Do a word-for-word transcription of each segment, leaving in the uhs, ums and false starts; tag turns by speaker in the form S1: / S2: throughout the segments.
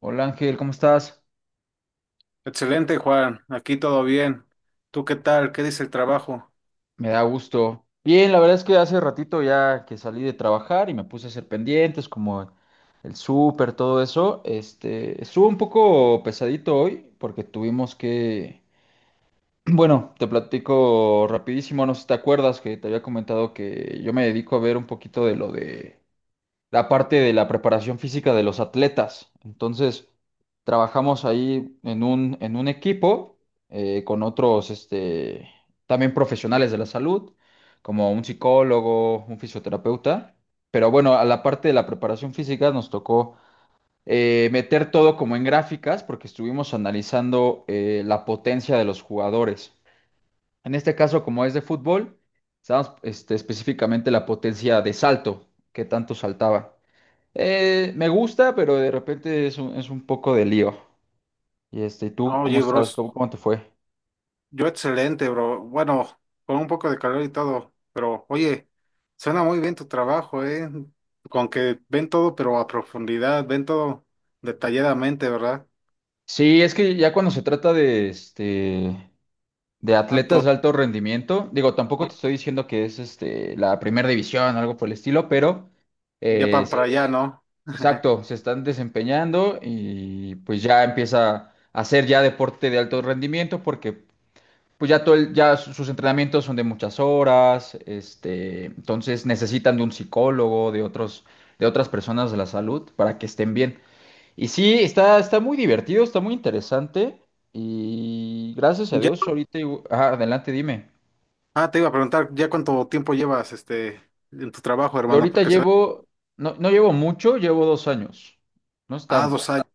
S1: Hola Ángel, ¿cómo estás?
S2: Excelente, Juan. Aquí todo bien. ¿Tú qué tal? ¿Qué dice el trabajo?
S1: Me da gusto. Bien, la verdad es que hace ratito ya que salí de trabajar y me puse a hacer pendientes como el súper, todo eso. Este, estuvo un poco pesadito hoy porque tuvimos que, bueno, te platico rapidísimo, no sé si te acuerdas que te había comentado que yo me dedico a ver un poquito de lo de la parte de la preparación física de los atletas. Entonces, trabajamos ahí en un, en un equipo eh, con otros este, también profesionales de la salud, como un psicólogo, un fisioterapeuta. Pero bueno, a la parte de la preparación física nos tocó eh, meter todo como en gráficas porque estuvimos analizando eh, la potencia de los jugadores. En este caso, como es de fútbol, estábamos este, específicamente la potencia de salto, qué tanto saltaba. Eh, me gusta, pero de repente es un, es un poco de lío. Y este, ¿tú
S2: Ah,
S1: cómo
S2: oye,
S1: estás?
S2: bros,
S1: ¿Cómo, cómo te fue?
S2: yo excelente, bro. Bueno, con un poco de calor y todo, pero oye, suena muy bien tu trabajo, ¿eh? Con que ven todo, pero a profundidad, ven todo detalladamente, ¿verdad?
S1: Sí, es que ya cuando se trata de este de
S2: Tanto,
S1: atletas de alto rendimiento, digo, tampoco te estoy diciendo que es este la primera división o algo por el estilo, pero
S2: ya
S1: eh,
S2: van
S1: se-
S2: para allá, ¿no?
S1: exacto, se están desempeñando y pues ya empieza a ser ya deporte de alto rendimiento porque pues ya todo el- ya su- sus entrenamientos son de muchas horas, este, entonces necesitan de un psicólogo, de otros, de otras personas de la salud para que estén bien. Y sí, está, está muy divertido, está muy interesante y gracias a
S2: Ya,
S1: Dios ahorita, igu- ajá, adelante, dime.
S2: ah, te iba a preguntar, ¿ya cuánto tiempo llevas este en tu trabajo,
S1: Yo
S2: hermano?
S1: ahorita
S2: Porque se ve.
S1: llevo, no, no llevo mucho, llevo dos años, no es
S2: Ah,
S1: tanto.
S2: dos años.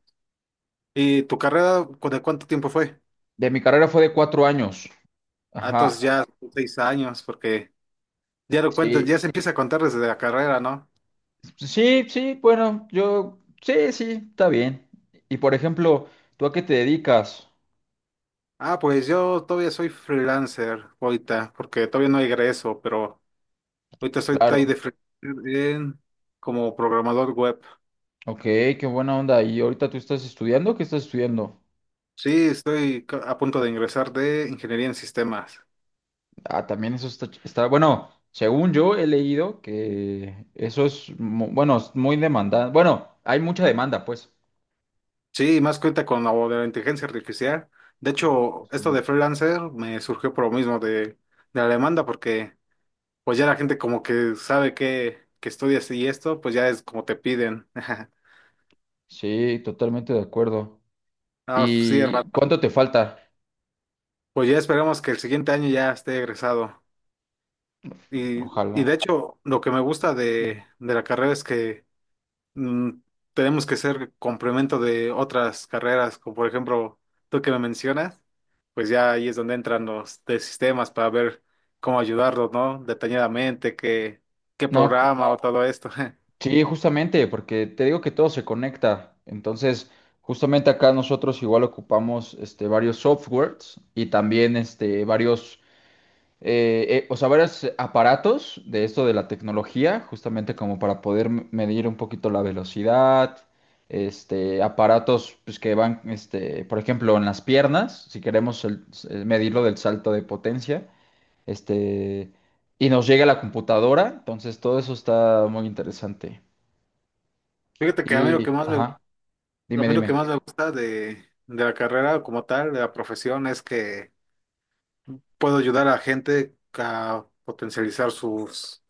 S2: ¿Y tu carrera, cu- de cuánto tiempo fue?
S1: De mi carrera fue de cuatro años,
S2: Ah, entonces
S1: ajá,
S2: ya son seis años, porque ya lo cuentas, ya se
S1: sí.
S2: empieza a contar desde la carrera, ¿no?
S1: Sí, sí, bueno, yo, sí, sí, está bien. Y por ejemplo, ¿tú a qué te dedicas?
S2: Ah, pues yo todavía soy freelancer ahorita, porque todavía no egreso, pero ahorita estoy ahí
S1: Claro.
S2: de freelancer en- como programador web.
S1: Ok, qué buena onda. ¿Y ahorita tú estás estudiando? ¿Qué estás estudiando?
S2: Sí, estoy ca- a punto de ingresar de ingeniería en sistemas.
S1: Ah, también eso está, ch- está, bueno, según yo he leído que eso es, mu- bueno, es muy demandante. Bueno, hay mucha demanda, pues.
S2: Sí, más cuenta con lo de la inteligencia artificial. De hecho, esto de
S1: Justamente.
S2: freelancer me surgió por lo mismo de, de la demanda, porque pues ya la gente como que sabe que, que estudias y esto, pues ya es como te piden.
S1: Sí, totalmente de acuerdo.
S2: Ah, sí,
S1: ¿Y
S2: Rafa.
S1: cuánto te falta?
S2: Pues ya esperemos que el siguiente año ya esté egresado. Y, y de
S1: Ojalá.
S2: hecho, lo que me gusta de, de la carrera es que mm, tenemos que ser complemento de otras carreras, como por ejemplo, tú que me mencionas, pues ya ahí es donde entran los de sistemas para ver cómo ayudarlos, ¿no? Detalladamente, qué, qué
S1: No.
S2: programa o todo esto.
S1: Sí, justamente, porque te digo que todo se conecta. Entonces, justamente acá nosotros igual ocupamos este, varios softwares y también este, varios, eh, eh, o sea, varios aparatos de esto de la tecnología, justamente como para poder m- medir un poquito la velocidad, este, aparatos pues, que van, este, por ejemplo, en las piernas, si queremos el- eh, medirlo del salto de potencia, este, y nos llega la computadora, entonces todo eso está muy interesante.
S2: Fíjate que a mí lo que
S1: Y,
S2: más me,
S1: ajá,
S2: A
S1: dime,
S2: mí lo que
S1: dime.
S2: más me gusta de, de la carrera como tal, de la profesión, es que puedo ayudar a gente a potencializar sus,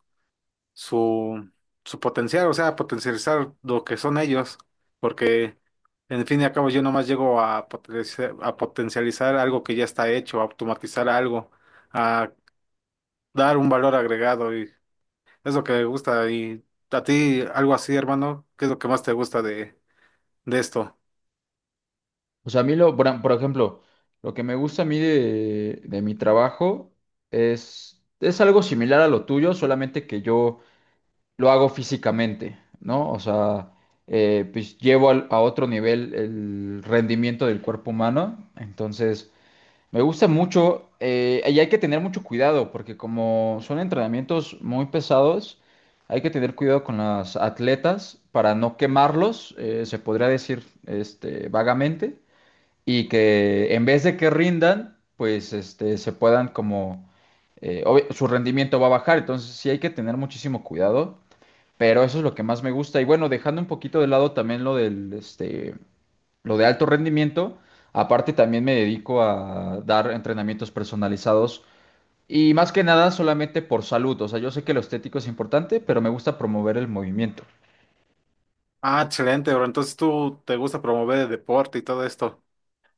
S2: su, su potencial, o sea, potencializar lo que son ellos, porque en fin y al cabo yo nomás llego a potenciar, a potencializar algo que ya está hecho, a automatizar algo, a dar un valor agregado y es lo que me gusta. Y a ti, algo así, hermano, ¿qué es lo que más te gusta de, de esto?
S1: O sea, a mí, lo, por, por ejemplo, lo que me gusta a mí de, de mi trabajo es, es algo similar a lo tuyo, solamente que yo lo hago físicamente, ¿no? O sea, eh, pues llevo al- a otro nivel el rendimiento del cuerpo humano. Entonces, me gusta mucho eh, y hay que tener mucho cuidado porque como son entrenamientos muy pesados, hay que tener cuidado con los atletas para no quemarlos, eh, se podría decir este, vagamente, y que en vez de que rindan, pues este, se puedan como, eh, obvi- su rendimiento va a bajar, entonces sí hay que tener muchísimo cuidado, pero eso es lo que más me gusta. Y bueno, dejando un poquito de lado también lo del, este, lo de alto rendimiento. Aparte, también me dedico a dar entrenamientos personalizados y más que nada solamente por salud. O sea, yo sé que lo estético es importante, pero me gusta promover el movimiento.
S2: Ah, excelente, bro. Entonces tú te gusta promover el deporte y todo esto.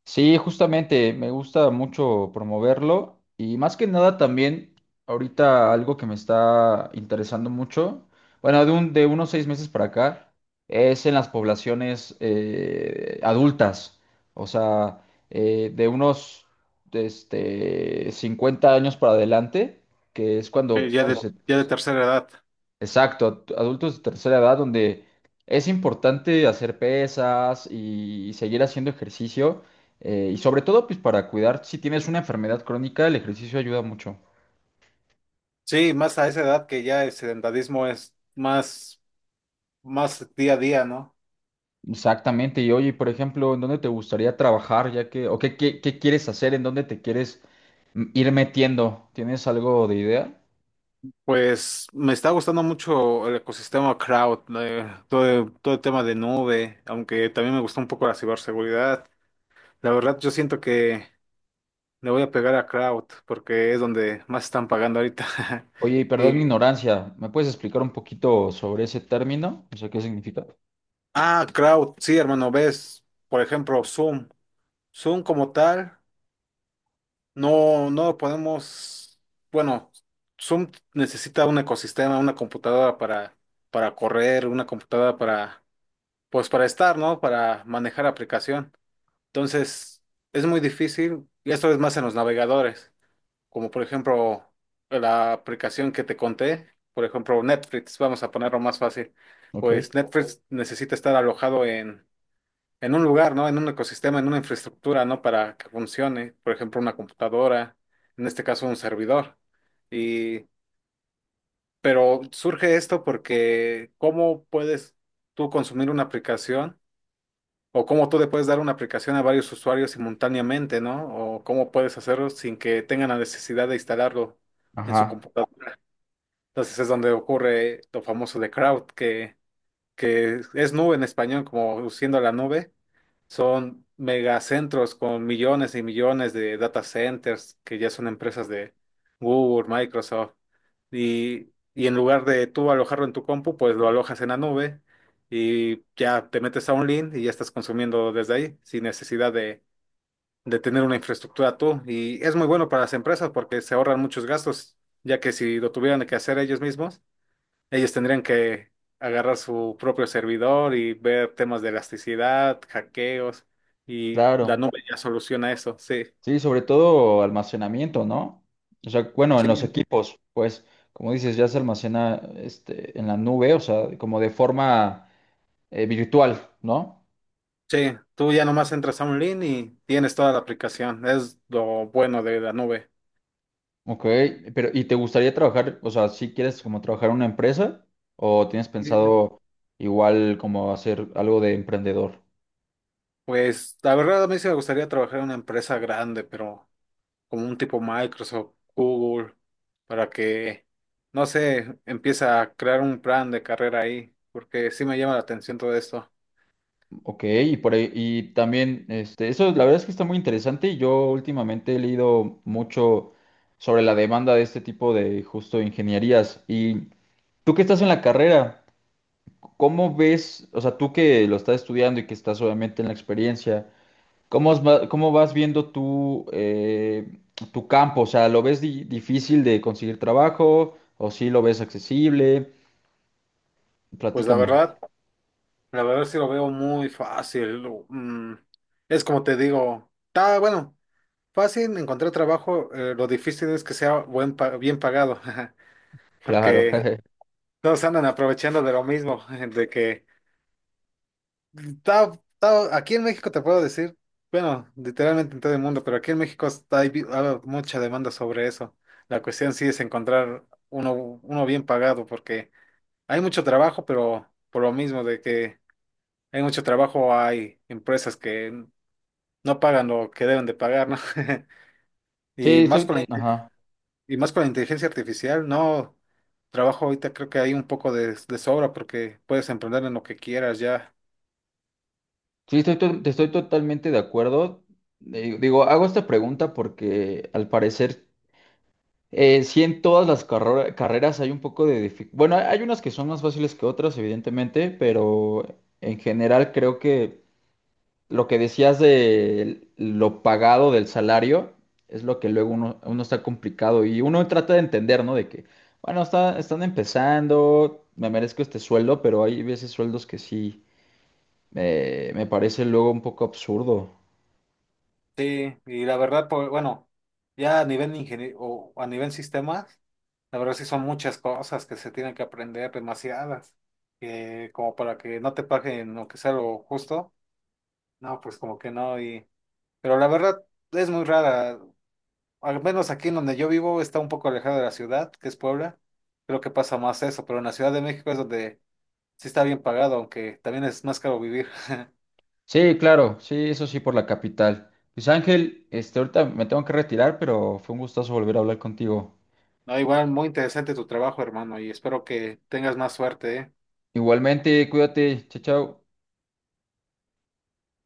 S1: Sí, justamente, me gusta mucho promoverlo y más que nada también ahorita algo que me está interesando mucho, bueno, de, un- de unos seis meses para acá, es en las poblaciones eh, adultas, o sea, eh, de unos este, cincuenta años para adelante, que es
S2: eh,
S1: cuando
S2: ya de,
S1: pues, se
S2: Exacto. Ya de tercera edad.
S1: exacto, ad- adultos de tercera edad donde es importante hacer pesas y seguir haciendo ejercicio eh, y sobre todo pues para cuidar, si tienes una enfermedad crónica, el ejercicio ayuda mucho.
S2: Sí, más a esa edad que ya el sedentarismo es más, más día a día, ¿no?
S1: Exactamente, y oye, por ejemplo, ¿en dónde te gustaría trabajar ya que, o qué, qué, qué quieres hacer, en dónde te quieres mm, ir metiendo? ¿Tienes algo de idea?
S2: Pues me está gustando mucho el ecosistema cloud, eh, todo, el- todo el tema de nube, aunque también me gustó un poco la ciberseguridad. La verdad, yo siento que le voy a pegar a cloud porque es donde más están pagando ahorita.
S1: Oye, y
S2: Y,
S1: perdón mi ignorancia, ¿me puedes explicar un poquito sobre ese término? O sea, ¿qué significa?
S2: ah, Cloud, sí, hermano, ves, por ejemplo, Zoom. Zoom como tal. No, no podemos. Bueno, Zoom necesita un ecosistema, una computadora para, para correr, una computadora para, pues para estar, ¿no? Para manejar aplicación. Entonces, es muy difícil, y esto es más en los navegadores, como por ejemplo la aplicación que te conté, por ejemplo Netflix, vamos a ponerlo más fácil. Pues
S1: Ok.
S2: Netflix necesita estar alojado en un lugar, ¿no? En un ecosistema, en una infraestructura, ¿no? Para que funcione, por ejemplo, una computadora, en este caso un servidor. Y, pero surge esto porque ¿cómo puedes tú consumir una aplicación o cómo tú le puedes dar una aplicación a varios usuarios simultáneamente, ¿no? O cómo puedes hacerlo sin que tengan la necesidad de instalarlo en su
S1: Ajá,
S2: computadora. Entonces es donde ocurre lo famoso de crowd, que, que es nube en español, como siendo la nube. Son megacentros con millones y millones de data centers que ya son empresas de Google, Microsoft. Y, y en lugar de tú alojarlo en tu compu, pues lo alojas en la nube y ya te metes a un link y ya estás consumiendo desde ahí sin necesidad de, de tener una infraestructura tú. Y es muy bueno para las empresas porque se ahorran muchos gastos, ya que si lo tuvieran que hacer ellos mismos, ellos tendrían que agarrar su propio servidor y ver temas de elasticidad, hackeos, y
S1: claro.
S2: Danube ya soluciona eso, sí.
S1: Sí, sobre todo almacenamiento, ¿no? O sea, bueno, en los
S2: Sí.
S1: equipos, pues, como dices, ya se almacena este, en la nube, o sea, como de forma eh, virtual, ¿no?
S2: Sí, tú ya nomás entras a un link y tienes toda la aplicación. Es lo bueno de Danube.
S1: Ok, pero ¿y te gustaría trabajar, o sea, si quieres como trabajar en una empresa o tienes
S2: Sí.
S1: pensado igual como hacer algo de emprendedor?
S2: Pues la verdad a mí sí me gustaría trabajar en una empresa grande, pero como un tipo Microsoft, Google, para que, no sé, empiece a crear un plan de carrera ahí, porque sí me llama la atención todo esto.
S1: Ok, y por ahí, y también, este, eso la verdad es que está muy interesante y yo últimamente he leído mucho sobre la demanda de este tipo de justo ingenierías. Y tú que estás en la carrera, ¿cómo ves, o sea, tú que lo estás estudiando y que estás obviamente en la experiencia, ¿cómo, os va- cómo vas viendo tú eh, tu campo? O sea, ¿lo ves di- difícil de conseguir trabajo o sí lo ves accesible?
S2: Pues la
S1: Platícame.
S2: verdad. La verdad sí lo veo muy fácil. mm, es como te digo, está bueno, fácil encontrar trabajo, eh, lo difícil es que sea buen pa- bien pagado,
S1: Claro.
S2: porque todos andan aprovechando de lo mismo, de que está, está- aquí en México te puedo decir, bueno, literalmente en todo el mundo, pero aquí en México está, hay, vi- hay mucha demanda sobre eso. La cuestión sí es encontrar uno, uno bien pagado, porque hay mucho trabajo, pero por lo mismo de que... Hay mucho trabajo, hay empresas que no pagan lo que deben de pagar, ¿no? Y
S1: Sí,
S2: más
S1: soy,
S2: con la, Sí. Inte-
S1: ajá.
S2: y más con la inteligencia artificial, no. Trabajo ahorita creo que hay un poco de, de sobra porque puedes emprender en lo que quieras ya.
S1: Sí, estoy, to- te estoy totalmente de acuerdo. Digo, digo, hago esta pregunta porque al parecer eh, sí en todas las carro- carreras hay un poco de dificultad. Bueno, hay hay unas que son más fáciles que otras, evidentemente, pero en general creo que lo que decías de lo pagado del salario es lo que luego uno, uno está complicado y uno trata de entender, ¿no? De que, bueno, está, están empezando, me merezco este sueldo, pero hay veces sueldos que sí eh, me parece luego un poco absurdo.
S2: Sí, y la verdad, pues, bueno, ya a nivel ingeniero o a nivel sistemas, la verdad sí son muchas cosas que se tienen que aprender, demasiadas, que como para que no te paguen lo que sea lo justo, no, pues como que no, y, pero la verdad es muy rara, al menos aquí en donde yo vivo está un poco alejado de la ciudad, que es Puebla. Creo que pasa más eso, pero en la Ciudad de México es donde sí está bien pagado, aunque también es más caro vivir.
S1: Sí, claro, sí, eso sí, por la capital. Pues Ángel, este, ahorita me tengo que retirar, pero fue un gustazo volver a hablar contigo.
S2: No, igual muy interesante tu trabajo, hermano, y espero que tengas más suerte, ¿eh?
S1: Igualmente, cuídate, chao, chao.